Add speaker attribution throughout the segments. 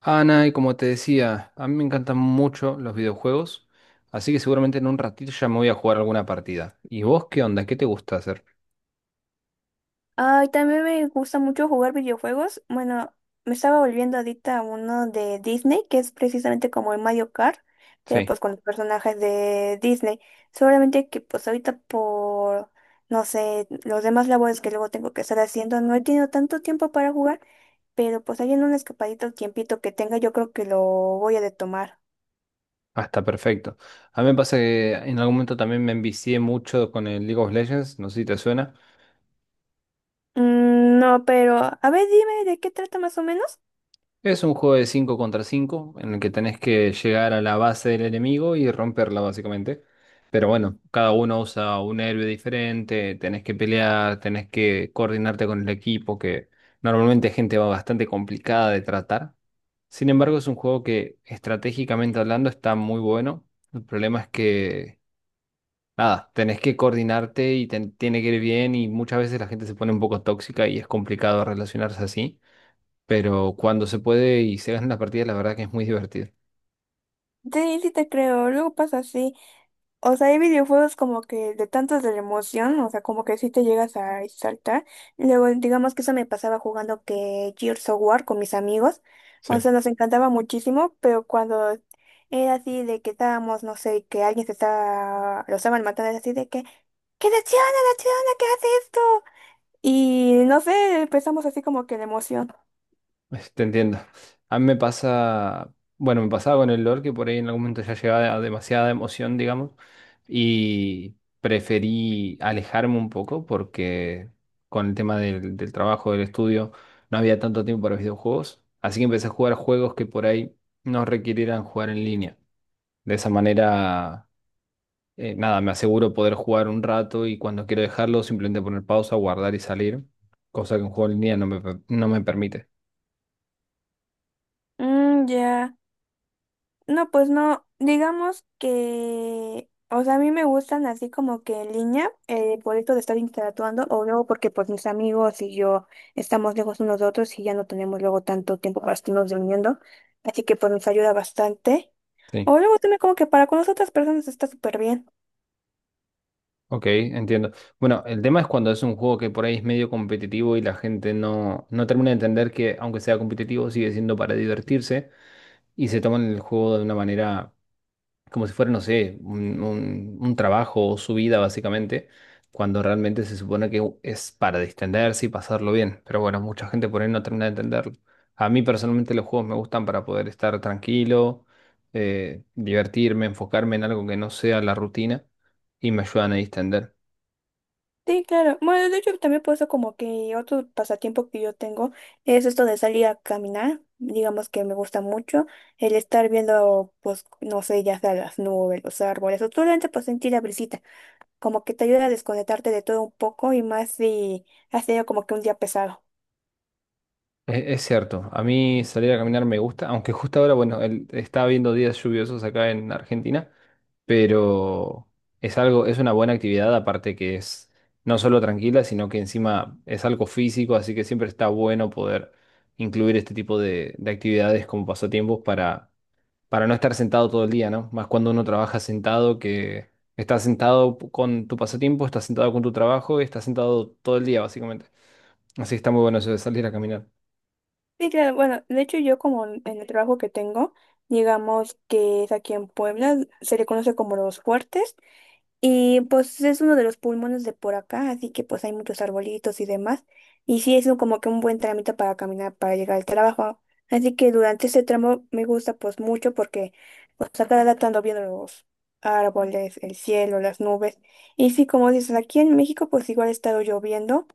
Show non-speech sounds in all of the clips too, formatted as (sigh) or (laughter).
Speaker 1: Ana, y como te decía, a mí me encantan mucho los videojuegos, así que seguramente en un ratito ya me voy a jugar alguna partida. ¿Y vos qué onda? ¿Qué te gusta hacer?
Speaker 2: Ay, también me gusta mucho jugar videojuegos. Bueno, me estaba volviendo adicta a uno de Disney, que es precisamente como el Mario Kart, pero
Speaker 1: Sí,
Speaker 2: pues con los personajes de Disney. Solamente que pues ahorita por, no sé, los demás labores que luego tengo que estar haciendo, no he tenido tanto tiempo para jugar, pero pues ahí en un escapadito el tiempito que tenga, yo creo que lo voy a retomar.
Speaker 1: hasta perfecto. A mí me pasa que en algún momento también me envicié mucho con el League of Legends, no sé si te suena.
Speaker 2: Mm, no, pero a ver, dime de qué trata más o menos.
Speaker 1: Es un juego de 5 contra 5 en el que tenés que llegar a la base del enemigo y romperla básicamente. Pero bueno, cada uno usa un héroe diferente, tenés que pelear, tenés que coordinarte con el equipo, que normalmente es gente bastante complicada de tratar. Sin embargo, es un juego que estratégicamente hablando está muy bueno. El problema es que, nada, tenés que coordinarte y tiene que ir bien y muchas veces la gente se pone un poco tóxica y es complicado relacionarse así, pero cuando se puede y se ganan las partidas, la verdad que es muy divertido.
Speaker 2: Sí, sí te creo, luego pasa así. O sea, hay videojuegos como que de tantos de la emoción, o sea, como que sí te llegas a exaltar. Y luego, digamos que eso me pasaba jugando que Gears of War con mis amigos. O
Speaker 1: Sí.
Speaker 2: sea, nos encantaba muchísimo, pero cuando era así de que estábamos, no sé, que alguien se estaba, lo estaban matando, era así de que, ¡qué decepciona, decepciona, qué hace esto! Y no sé, empezamos así como que la emoción.
Speaker 1: Te entiendo. A mí me pasa, bueno, me pasaba con el LOL que por ahí en algún momento ya llegaba a demasiada emoción, digamos, y preferí alejarme un poco porque con el tema del trabajo, del estudio, no había tanto tiempo para videojuegos, así que empecé a jugar juegos que por ahí no requirieran jugar en línea. De esa manera, nada, me aseguro poder jugar un rato y cuando quiero dejarlo simplemente poner pausa, guardar y salir, cosa que un juego en línea no me, no me permite.
Speaker 2: Mm, ya. No, pues no, digamos que, o sea, a mí me gustan así como que en línea, por esto de estar interactuando, o luego porque pues mis amigos y yo estamos lejos unos de otros y ya no tenemos luego tanto tiempo para estarnos reuniendo, así que pues nos ayuda bastante.
Speaker 1: Sí,
Speaker 2: O luego también como que para con las otras personas está súper bien.
Speaker 1: ok, entiendo. Bueno, el tema es cuando es un juego que por ahí es medio competitivo y la gente no, no termina de entender que aunque sea competitivo sigue siendo para divertirse y se toman el juego de una manera como si fuera, no sé, un, un trabajo o su vida básicamente, cuando realmente se supone que es para distenderse y pasarlo bien. Pero bueno, mucha gente por ahí no termina de entenderlo. A mí personalmente los juegos me gustan para poder estar tranquilo, divertirme, enfocarme en algo que no sea la rutina y me ayudan a distender.
Speaker 2: Sí, claro. Bueno, de hecho, también por eso como que otro pasatiempo que yo tengo es esto de salir a caminar. Digamos que me gusta mucho el estar viendo, pues, no sé, ya sea las nubes, los árboles, o solamente pues sentir la brisita. Como que te ayuda a desconectarte de todo un poco y más si has tenido como que un día pesado.
Speaker 1: Es cierto, a mí salir a caminar me gusta, aunque justo ahora, bueno, está viendo días lluviosos acá en Argentina. Pero es algo, es una buena actividad, aparte que es no solo tranquila, sino que encima es algo físico, así que siempre está bueno poder incluir este tipo de actividades como pasatiempos para no estar sentado todo el día, ¿no? Más cuando uno trabaja sentado, que estás sentado con tu pasatiempo, estás sentado con tu trabajo y estás sentado todo el día, básicamente. Así que está muy bueno eso de salir a caminar.
Speaker 2: Sí, claro. Bueno, de hecho yo como en el trabajo que tengo, digamos que es aquí en Puebla, se le conoce como los fuertes. Y pues es uno de los pulmones de por acá, así que pues hay muchos arbolitos y demás. Y sí es como que un buen trámite para caminar, para llegar al trabajo. Así que durante ese tramo me gusta pues mucho porque pues a cada rato ando viendo los árboles, el cielo, las nubes. Y sí, como dices, aquí en México pues igual ha estado lloviendo,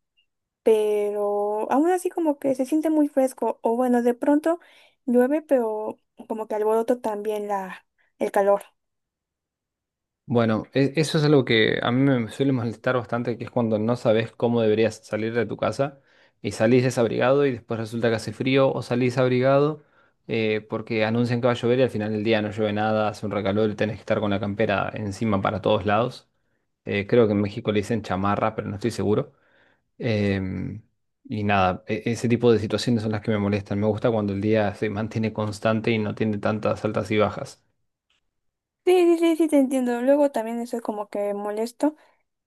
Speaker 2: pero aún así como que se siente muy fresco. O bueno, de pronto llueve, pero como que alboroto también el calor.
Speaker 1: Bueno, eso es algo que a mí me suele molestar bastante, que es cuando no sabes cómo deberías salir de tu casa y salís desabrigado y después resulta que hace frío, o salís abrigado porque anuncian que va a llover y al final del día no llueve nada, hace un recalor y tenés que estar con la campera encima para todos lados. Creo que en México le dicen chamarra, pero no estoy seguro. Em, y nada, ese tipo de situaciones son las que me molestan. Me gusta cuando el día se mantiene constante y no tiene tantas altas y bajas.
Speaker 2: Sí, sí, sí, sí, te entiendo. Luego también eso es como que molesto,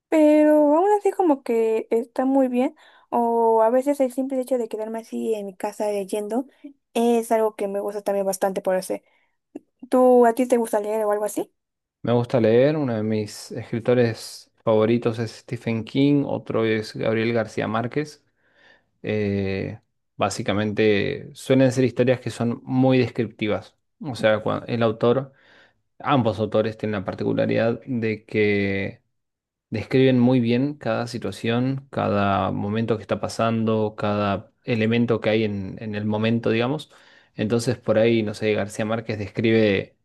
Speaker 2: pero aún así como que está muy bien. O a veces el simple hecho de quedarme así en mi casa leyendo es algo que me gusta también bastante por hacer. ¿Tú a ti te gusta leer o algo así?
Speaker 1: Me gusta leer, uno de mis escritores favoritos es Stephen King, otro es Gabriel García Márquez. Eh, Básicamente suelen ser historias que son muy descriptivas. O sea, el autor, ambos autores tienen la particularidad de que describen muy bien cada situación, cada momento que está pasando, cada elemento que hay en el momento, digamos. Entonces, por ahí, no sé, García Márquez describe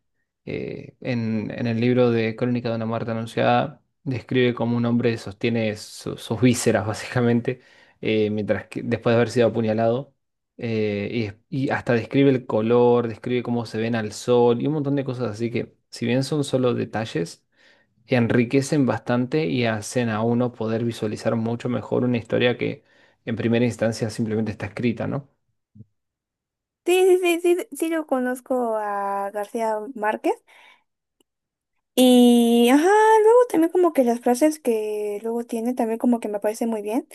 Speaker 1: en el libro de Crónica de una muerte anunciada, describe cómo un hombre sostiene sus vísceras, (laughs) básicamente, mientras que, después de haber sido apuñalado. Y, y hasta describe el color, describe cómo se ven al sol y un montón de cosas así que, si bien son solo detalles, enriquecen bastante y hacen a uno poder visualizar mucho mejor una historia que en primera instancia simplemente está escrita, ¿no?
Speaker 2: Sí, sí, sí, sí, sí, sí lo conozco a García Márquez. Y, ajá, luego también como que las frases que luego tiene también como que me parecen muy bien.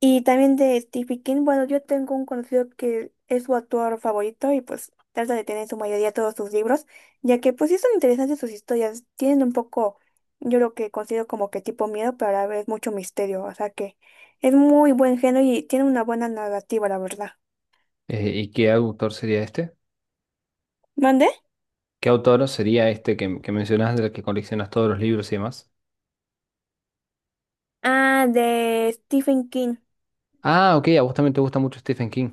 Speaker 2: Y también de Stephen King, bueno, yo tengo un conocido que es su autor favorito y pues trata de tener en su mayoría todos sus libros, ya que pues sí son interesantes sus historias, tienen un poco, yo lo que considero como que tipo miedo, pero a la vez mucho misterio, o sea que es muy buen género y tiene una buena narrativa, la verdad.
Speaker 1: ¿Y qué autor sería este?
Speaker 2: ¿Mande?
Speaker 1: ¿Qué autor sería este que mencionas, del que coleccionas todos los libros y demás?
Speaker 2: Ah, de Stephen King.
Speaker 1: Ah, ok, a vos también te gusta mucho Stephen King.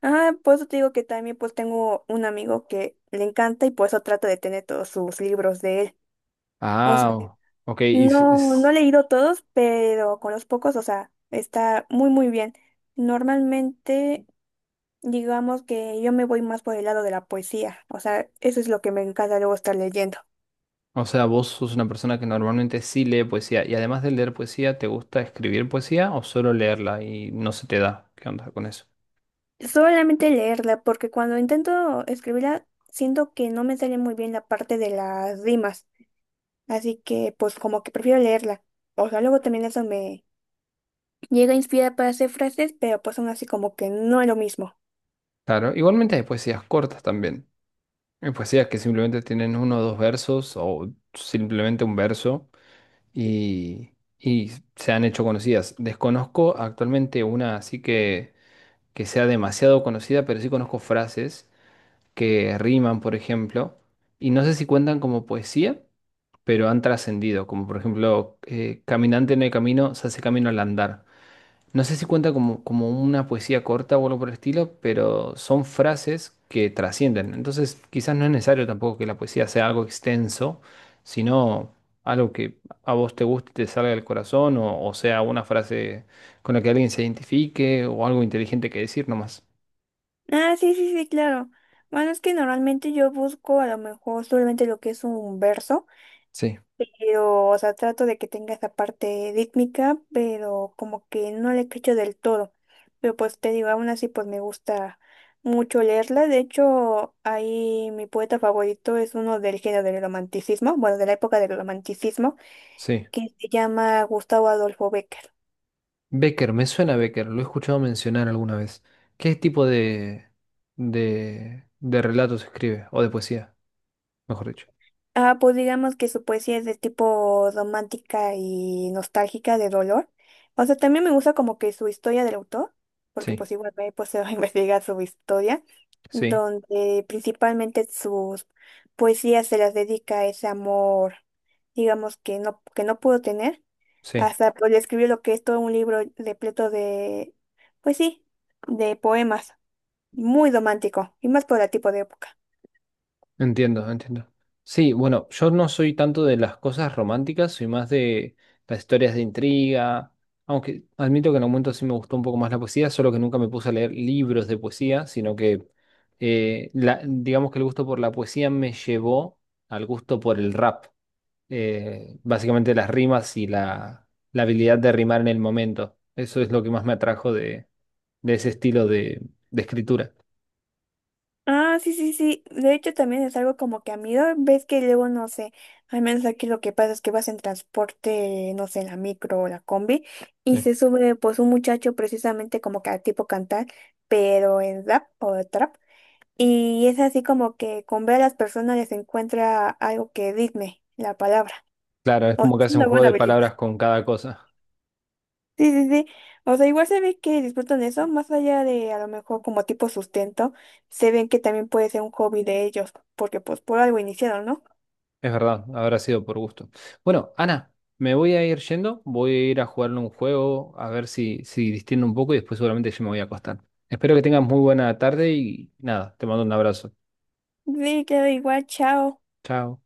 Speaker 2: Ajá, por eso te digo que también pues tengo un amigo que le encanta y por eso trato de tener todos sus libros de él. O sea,
Speaker 1: Ah, ok, y
Speaker 2: no, no he leído todos, pero con los pocos, o sea, está muy, muy bien. Normalmente, digamos que yo me voy más por el lado de la poesía, o sea, eso es lo que me encanta luego estar leyendo.
Speaker 1: o sea, vos sos una persona que normalmente sí lee poesía, y además de leer poesía, ¿te gusta escribir poesía o solo leerla y no se te da? ¿Qué onda con eso?
Speaker 2: Solamente leerla, porque cuando intento escribirla, siento que no me sale muy bien la parte de las rimas, así que pues como que prefiero leerla. O sea, luego también eso me llega a inspirar para hacer frases, pero pues aún así como que no es lo mismo.
Speaker 1: Claro, igualmente hay poesías cortas también. Pues sí, es que simplemente tienen uno o dos versos o simplemente un verso y, y se han hecho conocidas. Desconozco actualmente una así que sea demasiado conocida, pero sí conozco frases que riman, por ejemplo, y no sé si cuentan como poesía, pero han trascendido, como por ejemplo, caminante no hay camino, se hace camino al andar. No sé si cuenta como, como una poesía corta o algo por el estilo, pero son frases que trascienden. Entonces, quizás no es necesario tampoco que la poesía sea algo extenso, sino algo que a vos te guste, te salga del corazón, o sea, una frase con la que alguien se identifique, o algo inteligente que decir nomás.
Speaker 2: Ah, sí, sí, sí, claro. Bueno, es que normalmente yo busco a lo mejor solamente lo que es un verso,
Speaker 1: Sí,
Speaker 2: pero, o sea, trato de que tenga esa parte rítmica, pero como que no le cacho del todo. Pero pues te digo, aún así pues me gusta mucho leerla. De hecho, ahí mi poeta favorito es uno del género del romanticismo, bueno, de la época del romanticismo,
Speaker 1: sí.
Speaker 2: que se llama Gustavo Adolfo Becker.
Speaker 1: Becker, me suena Becker, lo he escuchado mencionar alguna vez. ¿Qué tipo de relatos escribe? O de poesía, mejor dicho.
Speaker 2: Ah, pues digamos que su poesía es de tipo romántica y nostálgica de dolor. O sea, también me gusta como que su historia del autor, porque
Speaker 1: Sí,
Speaker 2: pues igual me pues se va a (laughs) investigar su historia,
Speaker 1: sí,
Speaker 2: donde principalmente sus poesías se las dedica a ese amor, digamos que no pudo tener.
Speaker 1: sí.
Speaker 2: Hasta pues le escribió lo que es todo un libro repleto de, pues sí, de poemas, muy romántico, y más por el tipo de época.
Speaker 1: Entiendo, entiendo. Sí, bueno, yo no soy tanto de las cosas románticas, soy más de las historias de intriga, aunque admito que en algún momento sí me gustó un poco más la poesía, solo que nunca me puse a leer libros de poesía, sino que digamos que el gusto por la poesía me llevó al gusto por el rap, básicamente las rimas y la habilidad de rimar en el momento. Eso es lo que más me atrajo de ese estilo de escritura.
Speaker 2: Ah, sí, sí, sí. De hecho, también es algo como que a mí, ¿no? Ves que luego, no sé, al menos aquí lo que pasa es que vas en transporte, no sé, en la micro o la combi, y
Speaker 1: Sí.
Speaker 2: se sube pues un muchacho precisamente como que a tipo cantar, pero en rap o trap, y es así como que con ver a las personas les encuentra algo que digne la palabra.
Speaker 1: Claro, es
Speaker 2: O sea,
Speaker 1: como que
Speaker 2: es
Speaker 1: hace un
Speaker 2: una
Speaker 1: juego
Speaker 2: buena
Speaker 1: de
Speaker 2: habilidad.
Speaker 1: palabras con cada cosa.
Speaker 2: Sí, sí, sí. O sea, igual se ve que disfrutan eso, más allá de a lo mejor como tipo sustento, se ven que también puede ser un hobby de ellos, porque pues por algo iniciaron, ¿no?
Speaker 1: Es verdad, habrá sido por gusto. Bueno, Ana, me voy a ir yendo, voy a ir a jugarle un juego, a ver si, si distiendo un poco y después seguramente yo me voy a acostar. Espero que tengas muy buena tarde y nada, te mando un abrazo.
Speaker 2: Sí, queda igual, chao.
Speaker 1: Chao.